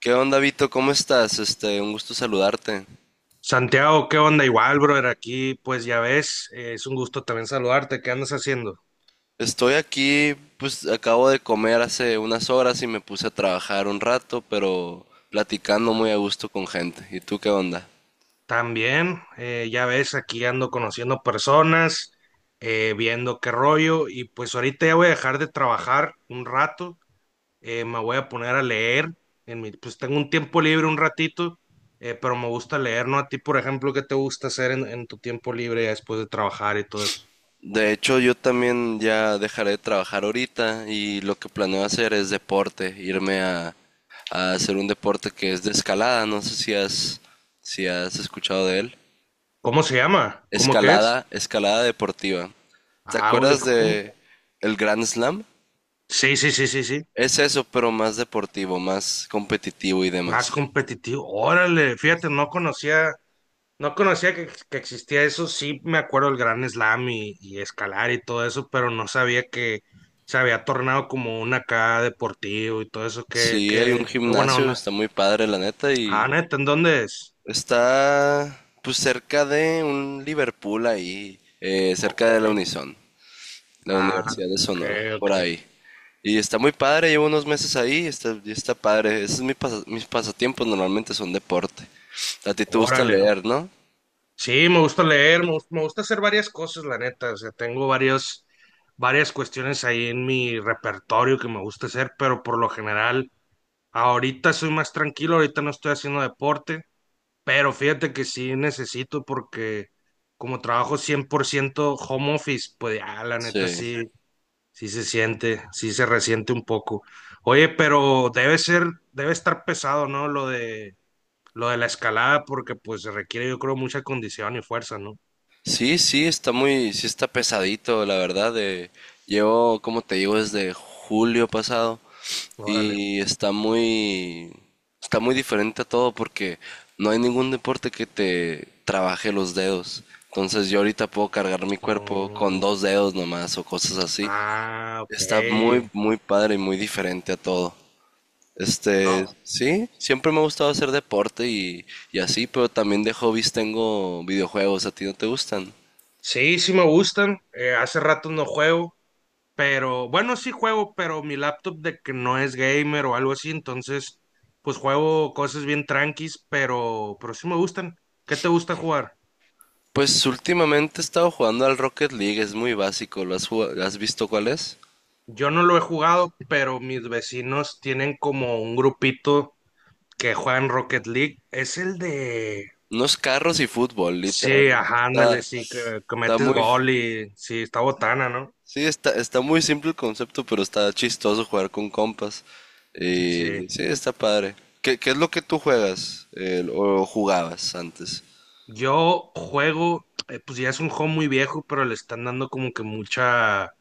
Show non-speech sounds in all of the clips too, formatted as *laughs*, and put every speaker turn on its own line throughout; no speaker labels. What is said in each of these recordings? ¿Qué onda, Vito? ¿Cómo estás? Un gusto saludarte.
Santiago, ¿qué onda? Igual, brother, aquí pues ya ves, es un gusto también saludarte. ¿Qué andas haciendo?
Estoy aquí, pues acabo de comer hace unas horas y me puse a trabajar un rato, pero platicando muy a gusto con gente. ¿Y tú qué onda?
También, ya ves, aquí ando conociendo personas, viendo qué rollo y pues ahorita ya voy a dejar de trabajar un rato, me voy a poner a leer, pues tengo un tiempo libre un ratito, pero me gusta leer, ¿no? A ti, por ejemplo, ¿qué te gusta hacer en tu tiempo libre ya después de trabajar y todo eso?
De hecho, yo también ya dejaré de trabajar ahorita y lo que planeo hacer es deporte, irme a hacer un deporte que es de escalada. No sé si has escuchado de él.
¿Cómo se llama? ¿Cómo que es?
Escalada, escalada deportiva. ¿Te
Ah, güey,
acuerdas
¿cómo?
de el Grand Slam?
Sí, sí, sí, sí, sí.
Es eso, pero más deportivo, más competitivo y
Más
demás.
competitivo. Órale, fíjate, no conocía que existía eso. Sí me acuerdo del Gran Slam y, escalar y todo eso, pero no sabía que se había tornado como un acá deportivo y todo eso. Qué,
Sí, hay un
qué, qué buena
gimnasio,
onda.
está muy padre, la neta,
Ah,
y
neta, ¿en dónde es?
está pues cerca de un Liverpool ahí,
Ok.
cerca de la Unison, la
Ah,
Universidad de
ok,
Sonora,
ok.
por ahí. Y está muy padre, llevo unos meses ahí, está, y está padre. Esos es mis pasatiempos, normalmente son deporte. A ti te gusta
Órale.
leer, ¿no?
Sí, me gusta leer, me gusta hacer varias cosas, la neta. O sea, varias cuestiones ahí en mi repertorio que me gusta hacer, pero por lo general, ahorita soy más tranquilo, ahorita no estoy haciendo deporte, pero fíjate que sí necesito porque como trabajo 100% home office, pues ya la neta
Sí.
sí, sí se siente, sí se resiente un poco. Oye, pero debe estar pesado, ¿no? Lo de la escalada porque pues se requiere yo creo mucha condición y fuerza, ¿no?
Sí, sí, está muy, sí está pesadito, la verdad. Llevo, como te digo, desde julio pasado
Órale.
y está muy diferente a todo porque no hay ningún deporte que te trabaje los dedos. Entonces yo ahorita puedo cargar mi cuerpo con
Oh,
dos dedos nomás o cosas así.
ah,
Está muy,
ok.
muy padre y muy diferente a todo.
No.
Sí, siempre me ha gustado hacer deporte y así, pero también de hobbies tengo videojuegos. ¿A ti no te gustan?
Sí, sí me gustan. Hace rato no juego. Pero bueno, sí juego, pero mi laptop de que no es gamer o algo así, entonces pues juego cosas bien tranquis, pero sí me gustan. ¿Qué te gusta jugar?
Pues últimamente he estado jugando al Rocket League, es muy básico. ¿Has visto cuál es?
Yo no lo he jugado, pero mis vecinos tienen como un grupito que juegan Rocket League. Es el de...
Unos carros y fútbol, literal.
Sí, ajá, ándale,
Está,
sí, que
está
metes
muy,
gol y sí, está botana, ¿no?
sí, está, está muy simple el concepto, pero está chistoso jugar con compas.
Sí.
Y sí, está padre. ¿Qué, qué es lo que tú juegas o jugabas antes?
Yo juego, pues ya es un juego muy viejo, pero le están dando como que mucha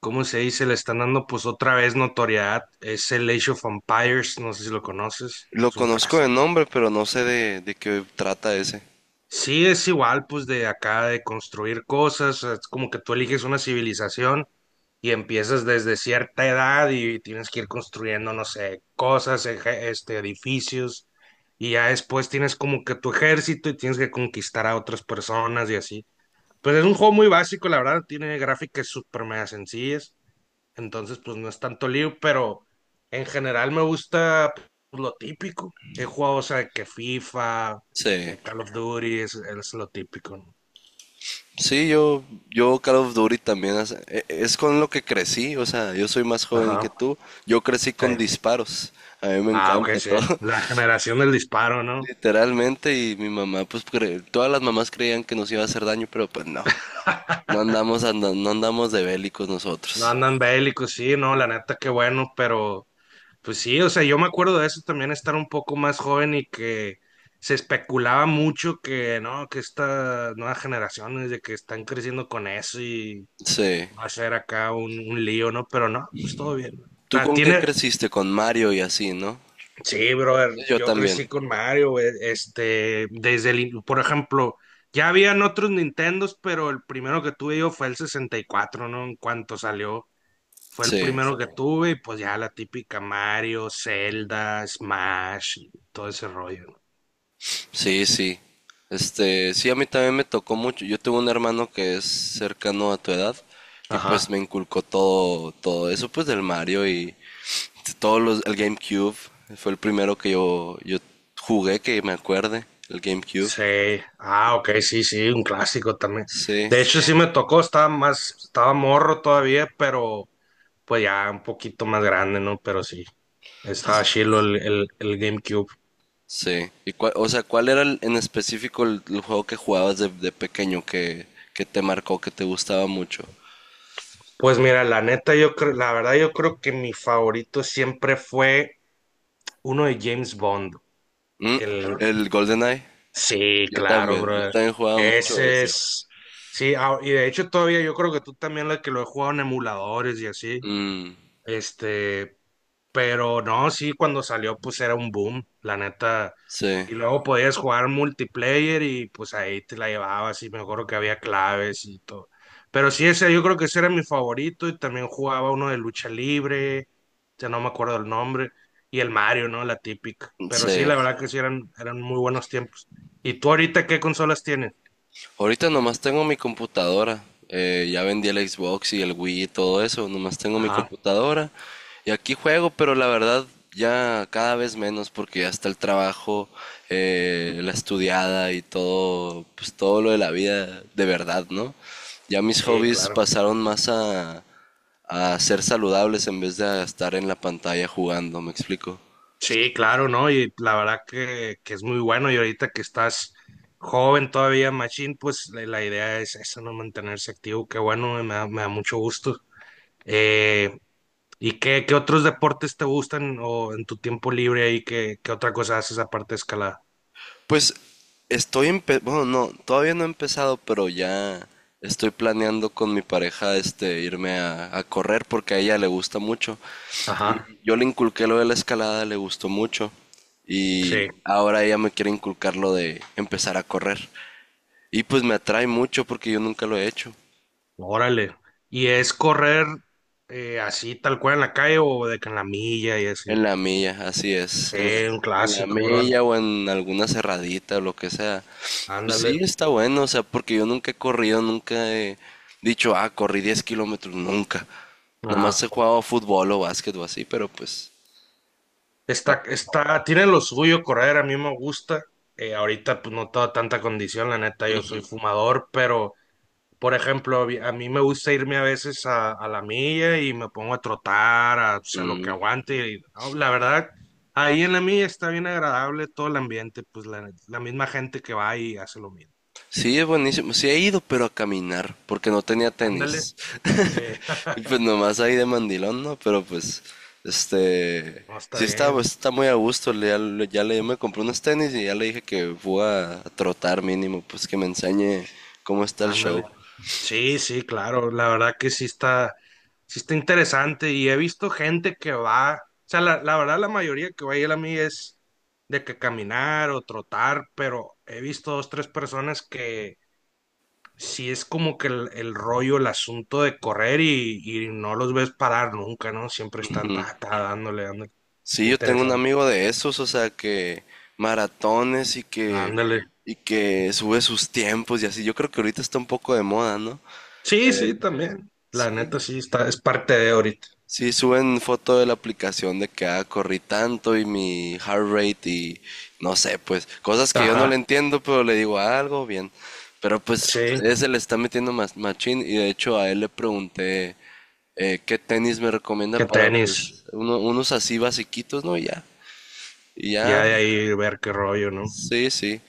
¿cómo se dice? Le están dando pues otra vez notoriedad. Es el Age of Empires, no sé si lo conoces,
Lo
es un
conozco
clásico.
de nombre, pero no sé de qué trata ese.
Sí, es igual pues de acá de construir cosas, es como que tú eliges una civilización y empiezas desde cierta edad y tienes que ir construyendo, no sé, cosas, edificios y ya después tienes como que tu ejército y tienes que conquistar a otras personas y así. Pues es un juego muy básico, la verdad, tiene gráficas súper mega sencillas. Entonces, pues no es tanto lío, pero en general me gusta pues, lo típico. He jugado, o sea, que FIFA,
Sí.
Call of Duty, es lo típico, ¿no?
Sí, yo Call of Duty también es con lo que crecí, o sea, yo soy más joven que
Ajá,
tú, yo crecí con
sí.
disparos, a mí me
Ah, ok,
encanta
sí.
todo,
La
*laughs*
generación del disparo, ¿no?
literalmente, y mi mamá, todas las mamás creían que nos iba a hacer daño, pero pues no,
*laughs*
no andamos de bélicos
No
nosotros.
andan bélicos, sí, no, la neta, qué bueno, pero pues sí, o sea, yo me acuerdo de eso también, estar un poco más joven y que se especulaba mucho que, no, que estas nuevas generaciones, de que están creciendo con eso y
Sí,
va a ser acá un lío, ¿no? Pero no, pues todo bien.
¿tú
La
con qué
tiene,
creciste? ¿Con Mario y así, no?
sí, brother,
Yo
yo
también,
crecí con Mario, güey, este, por ejemplo, ya habían otros Nintendos, pero el primero que tuve yo fue el 64, ¿no? En cuanto salió, fue el
sí.
primero que tuve y pues ya la típica Mario, Zelda, Smash, y todo ese rollo, ¿no?
Sí, sí. Sí, a mí también me tocó mucho. Yo tuve un hermano que es cercano a tu edad y pues
Ajá.
me inculcó todo, todo eso pues del Mario y todos los, el GameCube. Fue el primero que yo jugué que me acuerde, el GameCube.
Sí, ah, ok, sí, sí, un clásico también.
Sí,
De hecho, sí me tocó, estaba morro todavía, pero pues ya un poquito más grande, ¿no? Pero sí, estaba chilo el GameCube.
sí. O sea, ¿cuál era en específico el juego que jugabas de pequeño que te marcó, que te gustaba mucho?
Pues mira, la neta, yo creo, la verdad, yo creo que mi favorito siempre fue uno de James Bond.
Mm,
El,
el GoldenEye.
sí, claro,
Yo
bro.
también jugaba mucho
Ese
ese.
es, sí, ah, y de hecho todavía yo creo que tú también la que lo he jugado en emuladores y así.
Mm,
Este, Pero no, sí, cuando salió, pues era un boom, la neta.
sí.
Y luego podías jugar multiplayer y pues ahí te la llevabas y me acuerdo que había claves y todo. Pero sí, ese yo creo que ese era mi favorito y también jugaba uno de lucha libre, ya no me acuerdo el nombre, y el Mario, ¿no? La típica. Pero sí,
Sí.
la verdad que sí eran muy buenos tiempos. ¿Y tú ahorita qué consolas tienes?
Ahorita nomás tengo mi computadora. Ya vendí el Xbox y el Wii y todo eso. Nomás tengo mi
Ajá,
computadora. Y aquí juego, pero la verdad ya cada vez menos porque ya está el trabajo, la estudiada y todo, pues todo lo de la vida de verdad, ¿no? Ya mis
sí,
hobbies
claro.
pasaron más a ser saludables en vez de a estar en la pantalla jugando, ¿me explico?
Sí, claro, ¿no? Y la verdad que, es muy bueno. Y ahorita que estás joven todavía, Machine, pues la idea es esa, ¿no? Mantenerse activo. Qué bueno, me da mucho gusto. Eh, ¿Y qué otros deportes te gustan o en tu tiempo libre y qué otra cosa haces aparte de escalada?
Pues bueno, no, todavía no he empezado, pero ya estoy planeando con mi pareja este irme a correr porque a ella le gusta mucho.
Ajá,
Y yo le inculqué lo de la escalada, le gustó mucho. Y
sí,
ahora ella me quiere inculcar lo de empezar a correr. Y pues me atrae mucho porque yo nunca lo he hecho.
órale. ¿Y es correr así tal cual en la calle o de que en la milla y así?
En la milla, así es.
Sí,
En
un
en la
clásico, bro.
milla o en alguna cerradita o lo que sea. Pues
Ándale.
sí, está bueno, o sea, porque yo nunca he corrido, nunca he dicho, ah, corrí 10 kilómetros, nunca. Nomás
Ajá.
he jugado fútbol o básquet o así, pero pues... ah,
Tiene lo suyo correr, a mí me gusta. Ahorita pues no tengo tanta condición, la neta, yo soy fumador, pero por ejemplo, a mí me gusta irme a veces a, la milla y me pongo a trotar, o sea, lo que
mm.
aguante. Y no, la verdad, ahí en la milla está bien agradable todo el ambiente, pues la, misma gente que va y hace lo mismo.
Sí, es buenísimo. Sí he ido, pero a caminar, porque no tenía
Ándale,
tenis.
sí,
*laughs* Y pues
*laughs*
nomás ahí de mandilón, ¿no? Pero pues, este,
no está
sí está,
bien,
pues, está muy a gusto. Me compré unos tenis y ya le dije que voy a trotar mínimo, pues que me enseñe cómo está el
ándale.
show.
Sí, sí, claro, la verdad que sí está, interesante y he visto gente que va, o sea, la verdad la mayoría que va a ir a mí es de que caminar o trotar, pero he visto dos, tres personas que sí es como que el rollo, el asunto de correr y, no los ves parar nunca, ¿no? Siempre están
Ujú.
ta, ta, dándole, dándole,
Sí,
está
yo tengo un
interesante,
amigo de esos, o sea, que maratones
ándale.
y que sube sus tiempos y así. Yo creo que ahorita está un poco de moda, ¿no?
Sí, sí, también, la neta
Sí.
es parte de ahorita.
Sí, suben foto de la aplicación de que ah, corrí tanto y mi heart rate y no sé, pues cosas que yo no le
Ajá,
entiendo, pero le digo "Ah, algo bien. Pero pues
sí,
ese le está metiendo más machín y de hecho a él le pregunté qué tenis me recomienda
que
para
tenis.
pues unos así basiquitos, ¿no? Y ya. Y ya,
Ya de ahí ver qué rollo, ¿no?
sí, sí.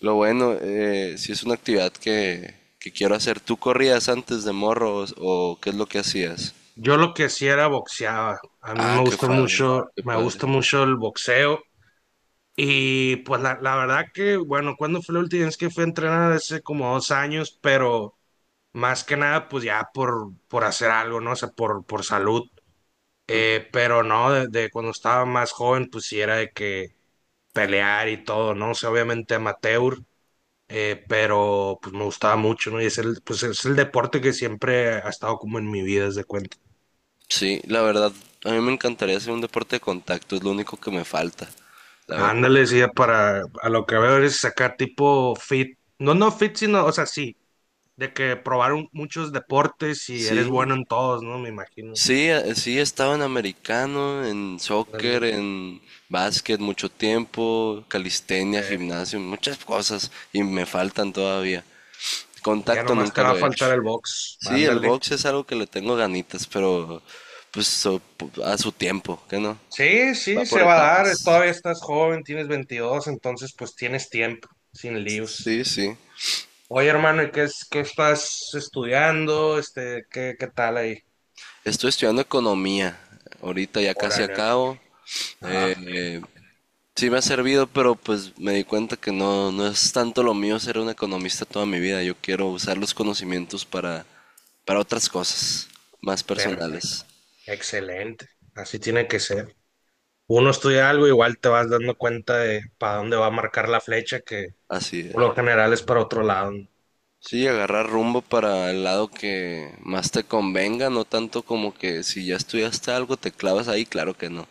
Lo bueno, sí es una actividad que quiero hacer. ¿Tú corrías antes de morros o qué es lo que hacías?
Yo lo que hacía era boxeaba. A mí
Ah, qué padre, qué
me
padre.
gusta mucho el boxeo. Y pues la verdad que, bueno, ¿cuando fue la última vez que fui a entrenar? Hace como 2 años, pero más que nada, pues ya por hacer algo, ¿no? O sea, por salud. Pero no, de cuando estaba más joven, pues sí era de que pelear y todo, ¿no? O sea, obviamente amateur. Pero pues me gustaba mucho, ¿no? Y es pues es el deporte que siempre ha estado como en mi vida, haz de cuenta.
Sí, la verdad, a mí me encantaría hacer un deporte de contacto, es lo único que me falta, la verdad.
Ándale, sí, a lo que veo es sacar tipo fit, no, no fit, sino, o sea, sí, de que probaron muchos deportes y
Sí,
eres bueno en todos, ¿no? Me imagino.
sí, sí, he estado en americano, en
Ándale.
soccer, en básquet mucho tiempo, calistenia,
Eh,
gimnasio, muchas cosas y me faltan todavía.
ya
Contacto
nomás te
nunca
va
lo
a
he
faltar
hecho.
el box,
Sí, el
ándale.
box es algo que le tengo ganitas, pero pues so- a su tiempo, ¿qué no?
Sí, sí,
Va
se
por
va a dar,
etapas.
todavía estás joven, tienes 22, entonces pues tienes tiempo, sin líos.
Sí, sí.
Oye, hermano, ¿y qué estás estudiando? ¿Qué qué tal ahí?
Estoy estudiando economía. Ahorita ya casi
Órale, ok.
acabo.
Ajá,
Eh, sí me ha servido, pero pues me di cuenta que no, no es tanto lo mío ser un economista toda mi vida. Yo quiero usar los conocimientos para otras cosas más
perfecto.
personales.
Excelente. Así tiene que ser. Uno estudia algo, igual te vas dando cuenta de para dónde va a marcar la flecha, que
Así es.
por lo general es para otro lado, ¿no?
Sí, agarrar rumbo para el lado que más te convenga, no tanto como que si ya estudiaste algo te clavas ahí, claro que no.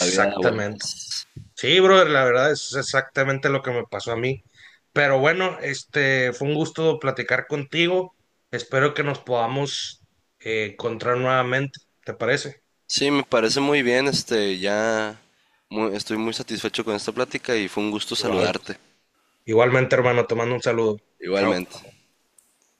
La vida da vueltas.
Sí, brother, la verdad es exactamente lo que me pasó a mí. Pero bueno, fue un gusto platicar contigo. Espero que nos podamos encontrar nuevamente. ¿Te parece?
Sí, me parece muy bien, ya estoy muy satisfecho con esta plática y fue un gusto
Igual.
saludarte.
Igualmente, hermano, te mando un saludo. Chao.
Igualmente.